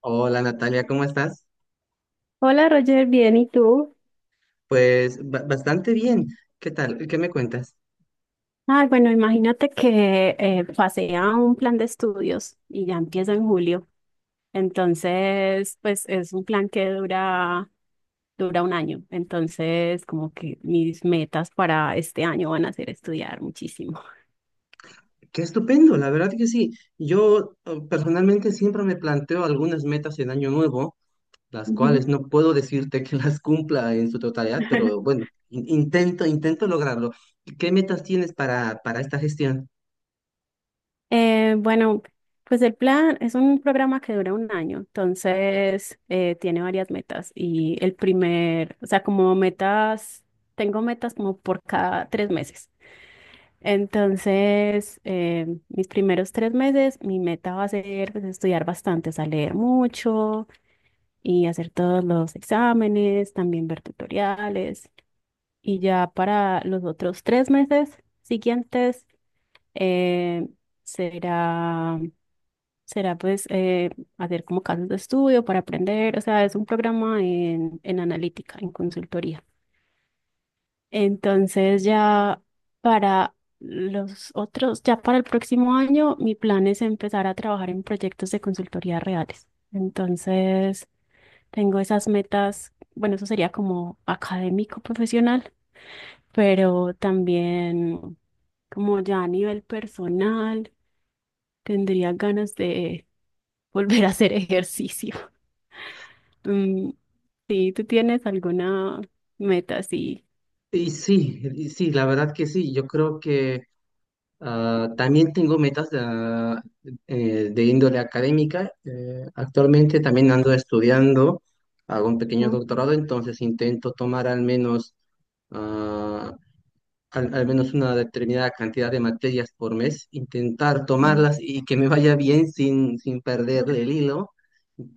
Hola Natalia, ¿cómo estás? Hola Roger, bien, ¿y tú? Pues bastante bien. ¿Qué tal? ¿Qué me cuentas? Ah, bueno, imagínate que pasé a un plan de estudios y ya empieza en julio. Entonces, pues es un plan que dura un año. Entonces, como que mis metas para este año van a ser estudiar muchísimo. Qué estupendo, la verdad que sí. Yo personalmente siempre me planteo algunas metas en año nuevo, las Ujú. cuales no puedo decirte que las cumpla en su totalidad, pero bueno, intento lograrlo. ¿Qué metas tienes para esta gestión? Bueno, pues el plan es un programa que dura un año, entonces tiene varias metas y el primer, o sea, como metas, tengo metas como por cada tres meses. Entonces, mis primeros tres meses, mi meta va a ser pues, estudiar bastante, o sea, leer mucho y hacer todos los exámenes, también ver tutoriales. Y ya para los otros tres meses siguientes, eh, será, será hacer como casos de estudio para aprender, o sea, es un programa en analítica, en consultoría. Entonces ya para ya para el próximo año, mi plan es empezar a trabajar en proyectos de consultoría reales. Entonces tengo esas metas, bueno, eso sería como académico profesional, pero también como ya a nivel personal, tendría ganas de volver a hacer ejercicio. Mm, sí, ¿tú tienes alguna meta así? Y sí, la verdad que sí. Yo creo que ah, también tengo metas de índole académica. Actualmente también ando estudiando, hago un pequeño Ok. doctorado, entonces intento tomar al menos, ah, al menos una determinada cantidad de materias por mes, intentar tomarlas y que me vaya bien sin perder el hilo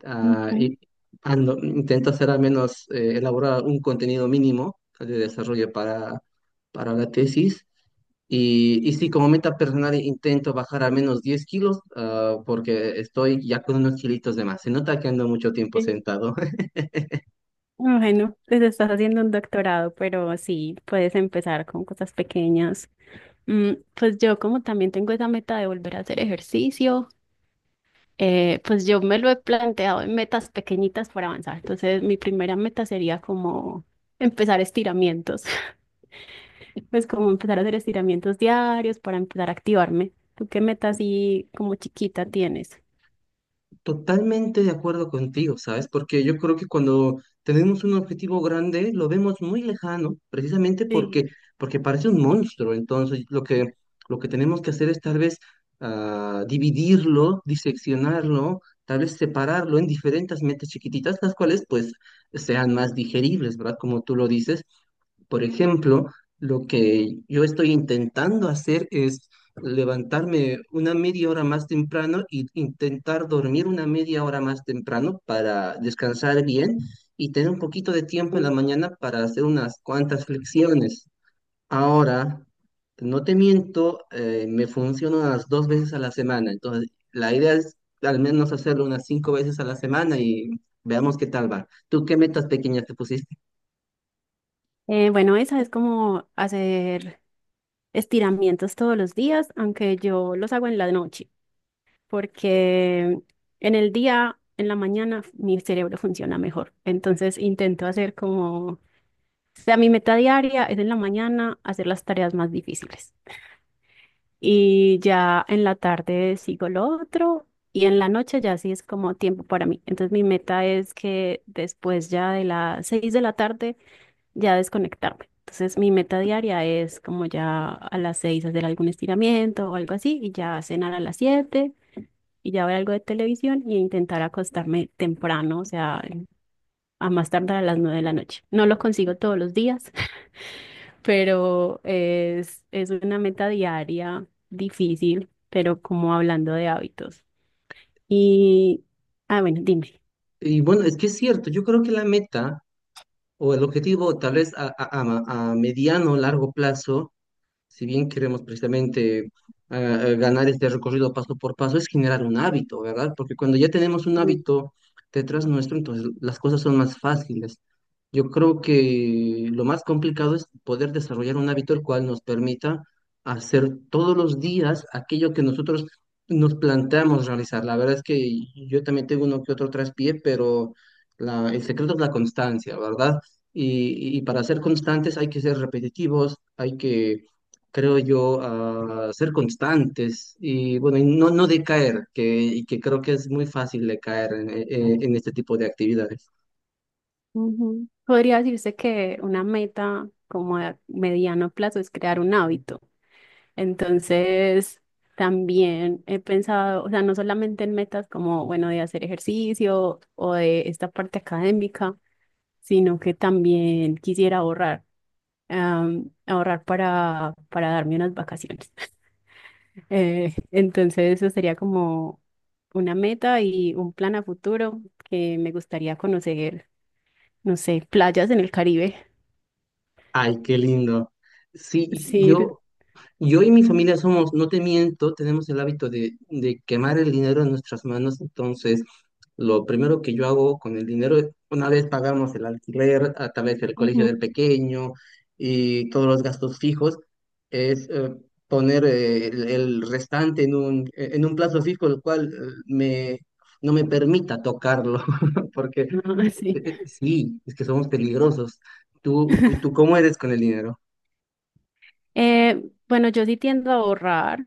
ah, Ujú. y intento hacer al menos elaborar un contenido mínimo de desarrollo para la tesis. Y sí, como meta personal intento bajar al menos 10 kilos, ah, porque estoy ya con unos kilitos de más. Se nota que ando mucho tiempo Sí. sentado. Bueno, pues estás haciendo un doctorado, pero sí, puedes empezar con cosas pequeñas. Mm, pues yo como también tengo esa meta de volver a hacer ejercicio, pues yo me lo he planteado en metas pequeñitas para avanzar. Entonces, mi primera meta sería como empezar estiramientos, pues como empezar a hacer estiramientos diarios para empezar a activarme. ¿Tú qué meta así como chiquita tienes? Totalmente de acuerdo contigo, ¿sabes? Porque yo creo que cuando tenemos un objetivo grande lo vemos muy lejano, precisamente Sí. porque, porque parece un monstruo. Entonces, lo que tenemos que hacer es tal vez dividirlo, diseccionarlo, tal vez separarlo en diferentes metas chiquititas, las cuales pues sean más digeribles, ¿verdad? Como tú lo dices, por ejemplo, lo que yo estoy intentando hacer es levantarme una media hora más temprano e intentar dormir una media hora más temprano para descansar bien y tener un poquito de tiempo en la mañana para hacer unas cuantas flexiones. Ahora, no te miento, me funciona unas dos veces a la semana, entonces la idea es al menos hacerlo unas cinco veces a la semana y veamos qué tal va. ¿Tú qué metas pequeñas te pusiste? Bueno, esa es como hacer estiramientos todos los días, aunque yo los hago en la noche, porque en la mañana, mi cerebro funciona mejor. Entonces intento hacer como, o sea, mi meta diaria es en la mañana hacer las tareas más difíciles. Y ya en la tarde sigo lo otro y en la noche ya sí es como tiempo para mí. Entonces mi meta es que después ya de las seis de la tarde ya desconectarme. Entonces, mi meta diaria es como ya a las seis hacer algún estiramiento o algo así y ya cenar a las siete y ya ver algo de televisión y intentar acostarme temprano, o sea, a más tardar a las nueve de la noche. No lo consigo todos los días, pero es una meta diaria difícil, pero como hablando de hábitos. Y, ah, bueno, dime. Y bueno, es que es cierto, yo creo que la meta o el objetivo tal vez a mediano o largo plazo si bien queremos precisamente ah, ganar este recorrido paso por paso, es generar un hábito, ¿verdad? Porque cuando ya tenemos un Sí. hábito detrás nuestro, entonces las cosas son más fáciles. Yo creo que lo más complicado es poder desarrollar un hábito el cual nos permita hacer todos los días aquello que nosotros nos planteamos realizar. La verdad es que yo también tengo uno que otro traspié, pero el secreto es la constancia, ¿verdad? Y y para ser constantes hay que ser repetitivos, hay que creo yo, a ser constantes y bueno, y no, no decaer, que, y que creo que es muy fácil decaer en este tipo de actividades. Ujú. Podría decirse que una meta como a mediano plazo es crear un hábito. Entonces, también he pensado, o sea, no solamente en metas como, bueno, de hacer ejercicio o de esta parte académica, sino que también quisiera ahorrar, ahorrar para darme unas vacaciones. Entonces, eso sería como una meta y un plan a futuro que me gustaría conocer, no sé, playas en el Caribe. Ay, qué lindo. Sí, y Sí, yo yo y mi familia somos, no te miento, tenemos el hábito de quemar el dinero en nuestras manos, entonces lo primero que yo hago con el dinero, una vez pagamos el alquiler, a través del colegio ujú. del pequeño y todos los gastos fijos, es poner el restante en en un plazo fijo, el cual no me permita tocarlo, porque Ah, sí. Sí, es que somos peligrosos. Tú cómo eres con el dinero? Bueno, yo sí tiendo a ahorrar,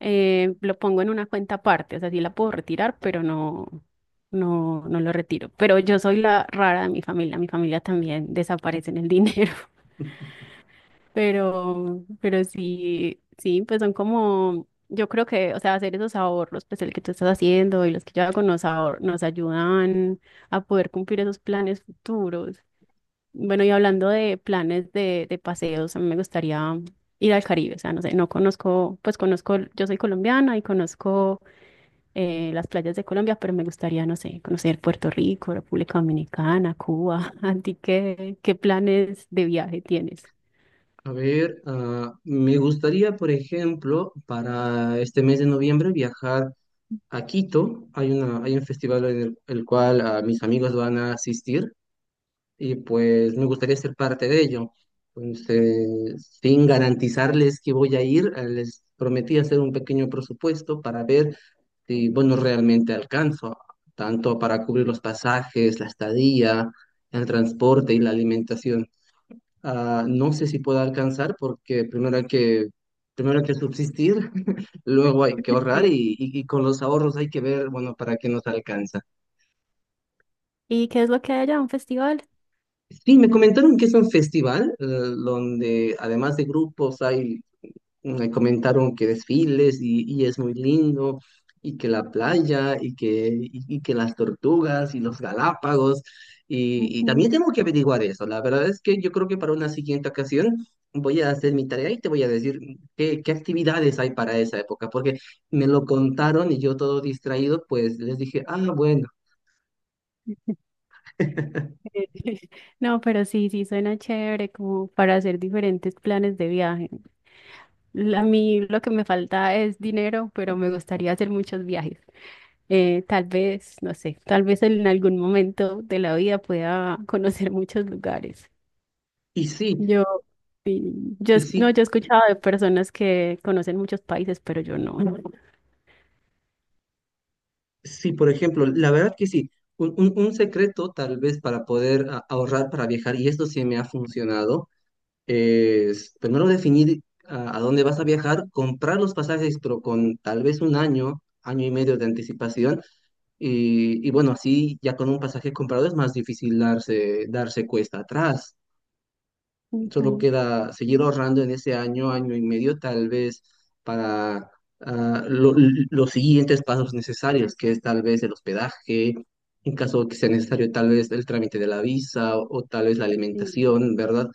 lo pongo en una cuenta aparte, o sea, sí la puedo retirar, pero no lo retiro. Pero yo soy la rara de mi familia también desaparece en el dinero, pero sí, sí, pues son como, yo creo que, o sea, hacer esos ahorros, pues el que tú estás haciendo y los que yo hago nos ayudan a poder cumplir esos planes futuros. Bueno, y hablando de planes de paseos, a mí me gustaría ir al Caribe, o sea, no sé, no conozco, pues conozco, yo soy colombiana y conozco las playas de Colombia, pero me gustaría, no sé, conocer Puerto Rico, República Dominicana, Cuba. ¿A ti qué planes de viaje tienes? A ver, ah, me gustaría, por ejemplo, para este mes de noviembre viajar a Quito. Hay hay un festival el cual mis amigos van a asistir y pues me gustaría ser parte de ello. Entonces, sin garantizarles que voy a ir, les prometí hacer un pequeño presupuesto para ver si, bueno, realmente alcanzo, tanto para cubrir los pasajes, la estadía, el transporte y la alimentación. Ah, no sé si pueda alcanzar porque primero hay que subsistir, luego hay que ahorrar Sí. y, y con los ahorros hay que ver, bueno, para qué nos alcanza. ¿Y qué es lo que hay allá? ¿Un festival? Sí, me comentaron que es un festival donde además de grupos hay me comentaron que desfiles y es muy lindo, y que la playa, y que las tortugas y los Galápagos, y Ujú. también tengo que averiguar eso. La verdad es que yo creo que para una siguiente ocasión voy a hacer mi tarea y te voy a decir qué actividades hay para esa época, porque me lo contaron y yo todo distraído, pues les dije, ah, bueno. No, pero sí, sí, suena chévere como para hacer diferentes planes de viaje. A mí lo que me falta es dinero, pero me gustaría hacer muchos viajes. Tal vez, no sé, tal vez en algún momento de la vida pueda conocer muchos lugares. Y sí, Yo, sí, yo, y es- No, sí. yo he escuchado de personas que conocen muchos países, pero yo no. Sí, por ejemplo, la verdad que sí. Un secreto tal vez para poder ahorrar para viajar, y esto sí me ha funcionado, es primero definir a dónde vas a viajar, comprar los pasajes, pero con tal vez un año, año y medio de anticipación. Y bueno, así ya con un pasaje comprado es más difícil darse cuesta atrás. Solo Ujú, queda seguir ahorrando en ese año, año y medio, tal vez para los siguientes pasos necesarios, que es tal vez el hospedaje, en caso que sea necesario, tal vez el trámite de la visa o tal vez la sí, alimentación, ¿verdad?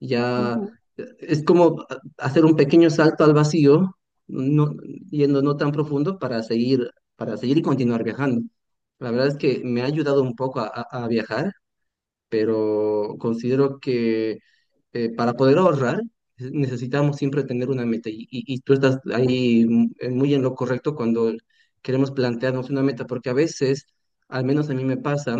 Ya ujú. Es como hacer un pequeño salto al vacío, no, yendo no tan profundo para seguir y continuar viajando. La verdad es que me ha ayudado un poco a, a viajar, pero considero que para poder ahorrar necesitamos siempre tener una meta y, y tú estás ahí muy en lo correcto cuando queremos plantearnos una meta, porque a veces, al menos a mí me pasa,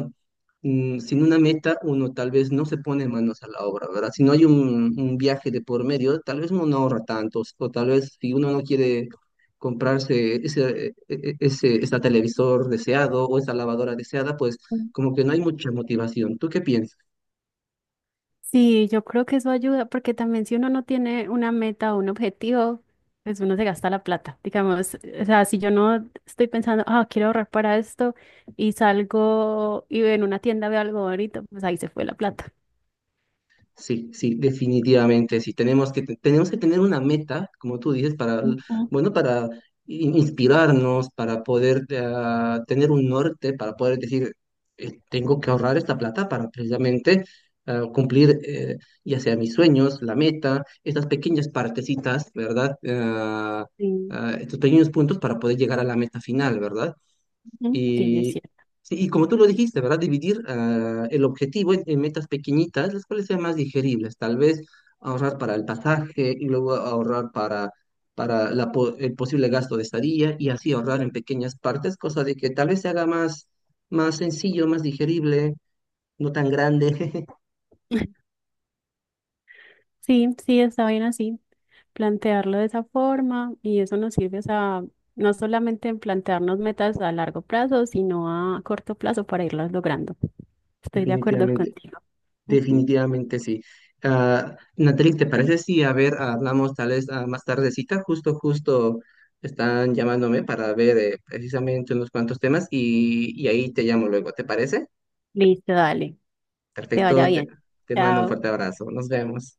sin una meta uno tal vez no se pone manos a la obra, ¿verdad? Si no hay un viaje de por medio, tal vez uno no ahorra tanto, o tal vez si uno no quiere comprarse ese, e- e- ese televisor deseado o esa lavadora deseada, pues como que no hay mucha motivación. ¿Tú qué piensas? Sí, yo creo que eso ayuda, porque también si uno no tiene una meta o un objetivo, pues uno se gasta la plata. Digamos, o sea, si yo no estoy pensando, ah, quiero ahorrar para esto, y salgo y en una tienda veo algo bonito, pues ahí se fue la plata. Sí, sí, definitivamente, sí. Tenemos que, tenemos que tener una meta, como tú dices, para, Ujú, bueno, para inspirarnos, para poder tener un norte, para poder decir, tengo que ahorrar esta plata para precisamente cumplir ya sea mis sueños, la meta, estas pequeñas partecitas, ¿verdad? Ah, sí, ah, estos pequeños puntos para poder llegar a la meta final, ¿verdad? ujú, sí, es Y, cierto. sí, y como tú lo dijiste, ¿verdad? Dividir el objetivo en metas pequeñitas, las cuales sean más digeribles. Tal vez ahorrar para el pasaje y luego ahorrar para la el posible gasto de estadía y así ahorrar en pequeñas partes, cosa de que tal vez se haga más, más sencillo, más digerible, no tan grande, Sí, sí, está bien así plantearlo de esa forma y eso nos sirve, o sea, no solamente en plantearnos metas a largo plazo, sino a corto plazo para irlas logrando. Estoy de acuerdo definitivamente. contigo. Ujú. Definitivamente sí. Ah, Natalie, ¿te parece si, a ver, hablamos tal vez más tardecita? Justo están llamándome para ver precisamente unos cuantos temas y ahí te llamo luego, ¿te parece? Listo, dale, que te vaya Perfecto, bien. te mando un fuerte Chao. abrazo. Nos vemos.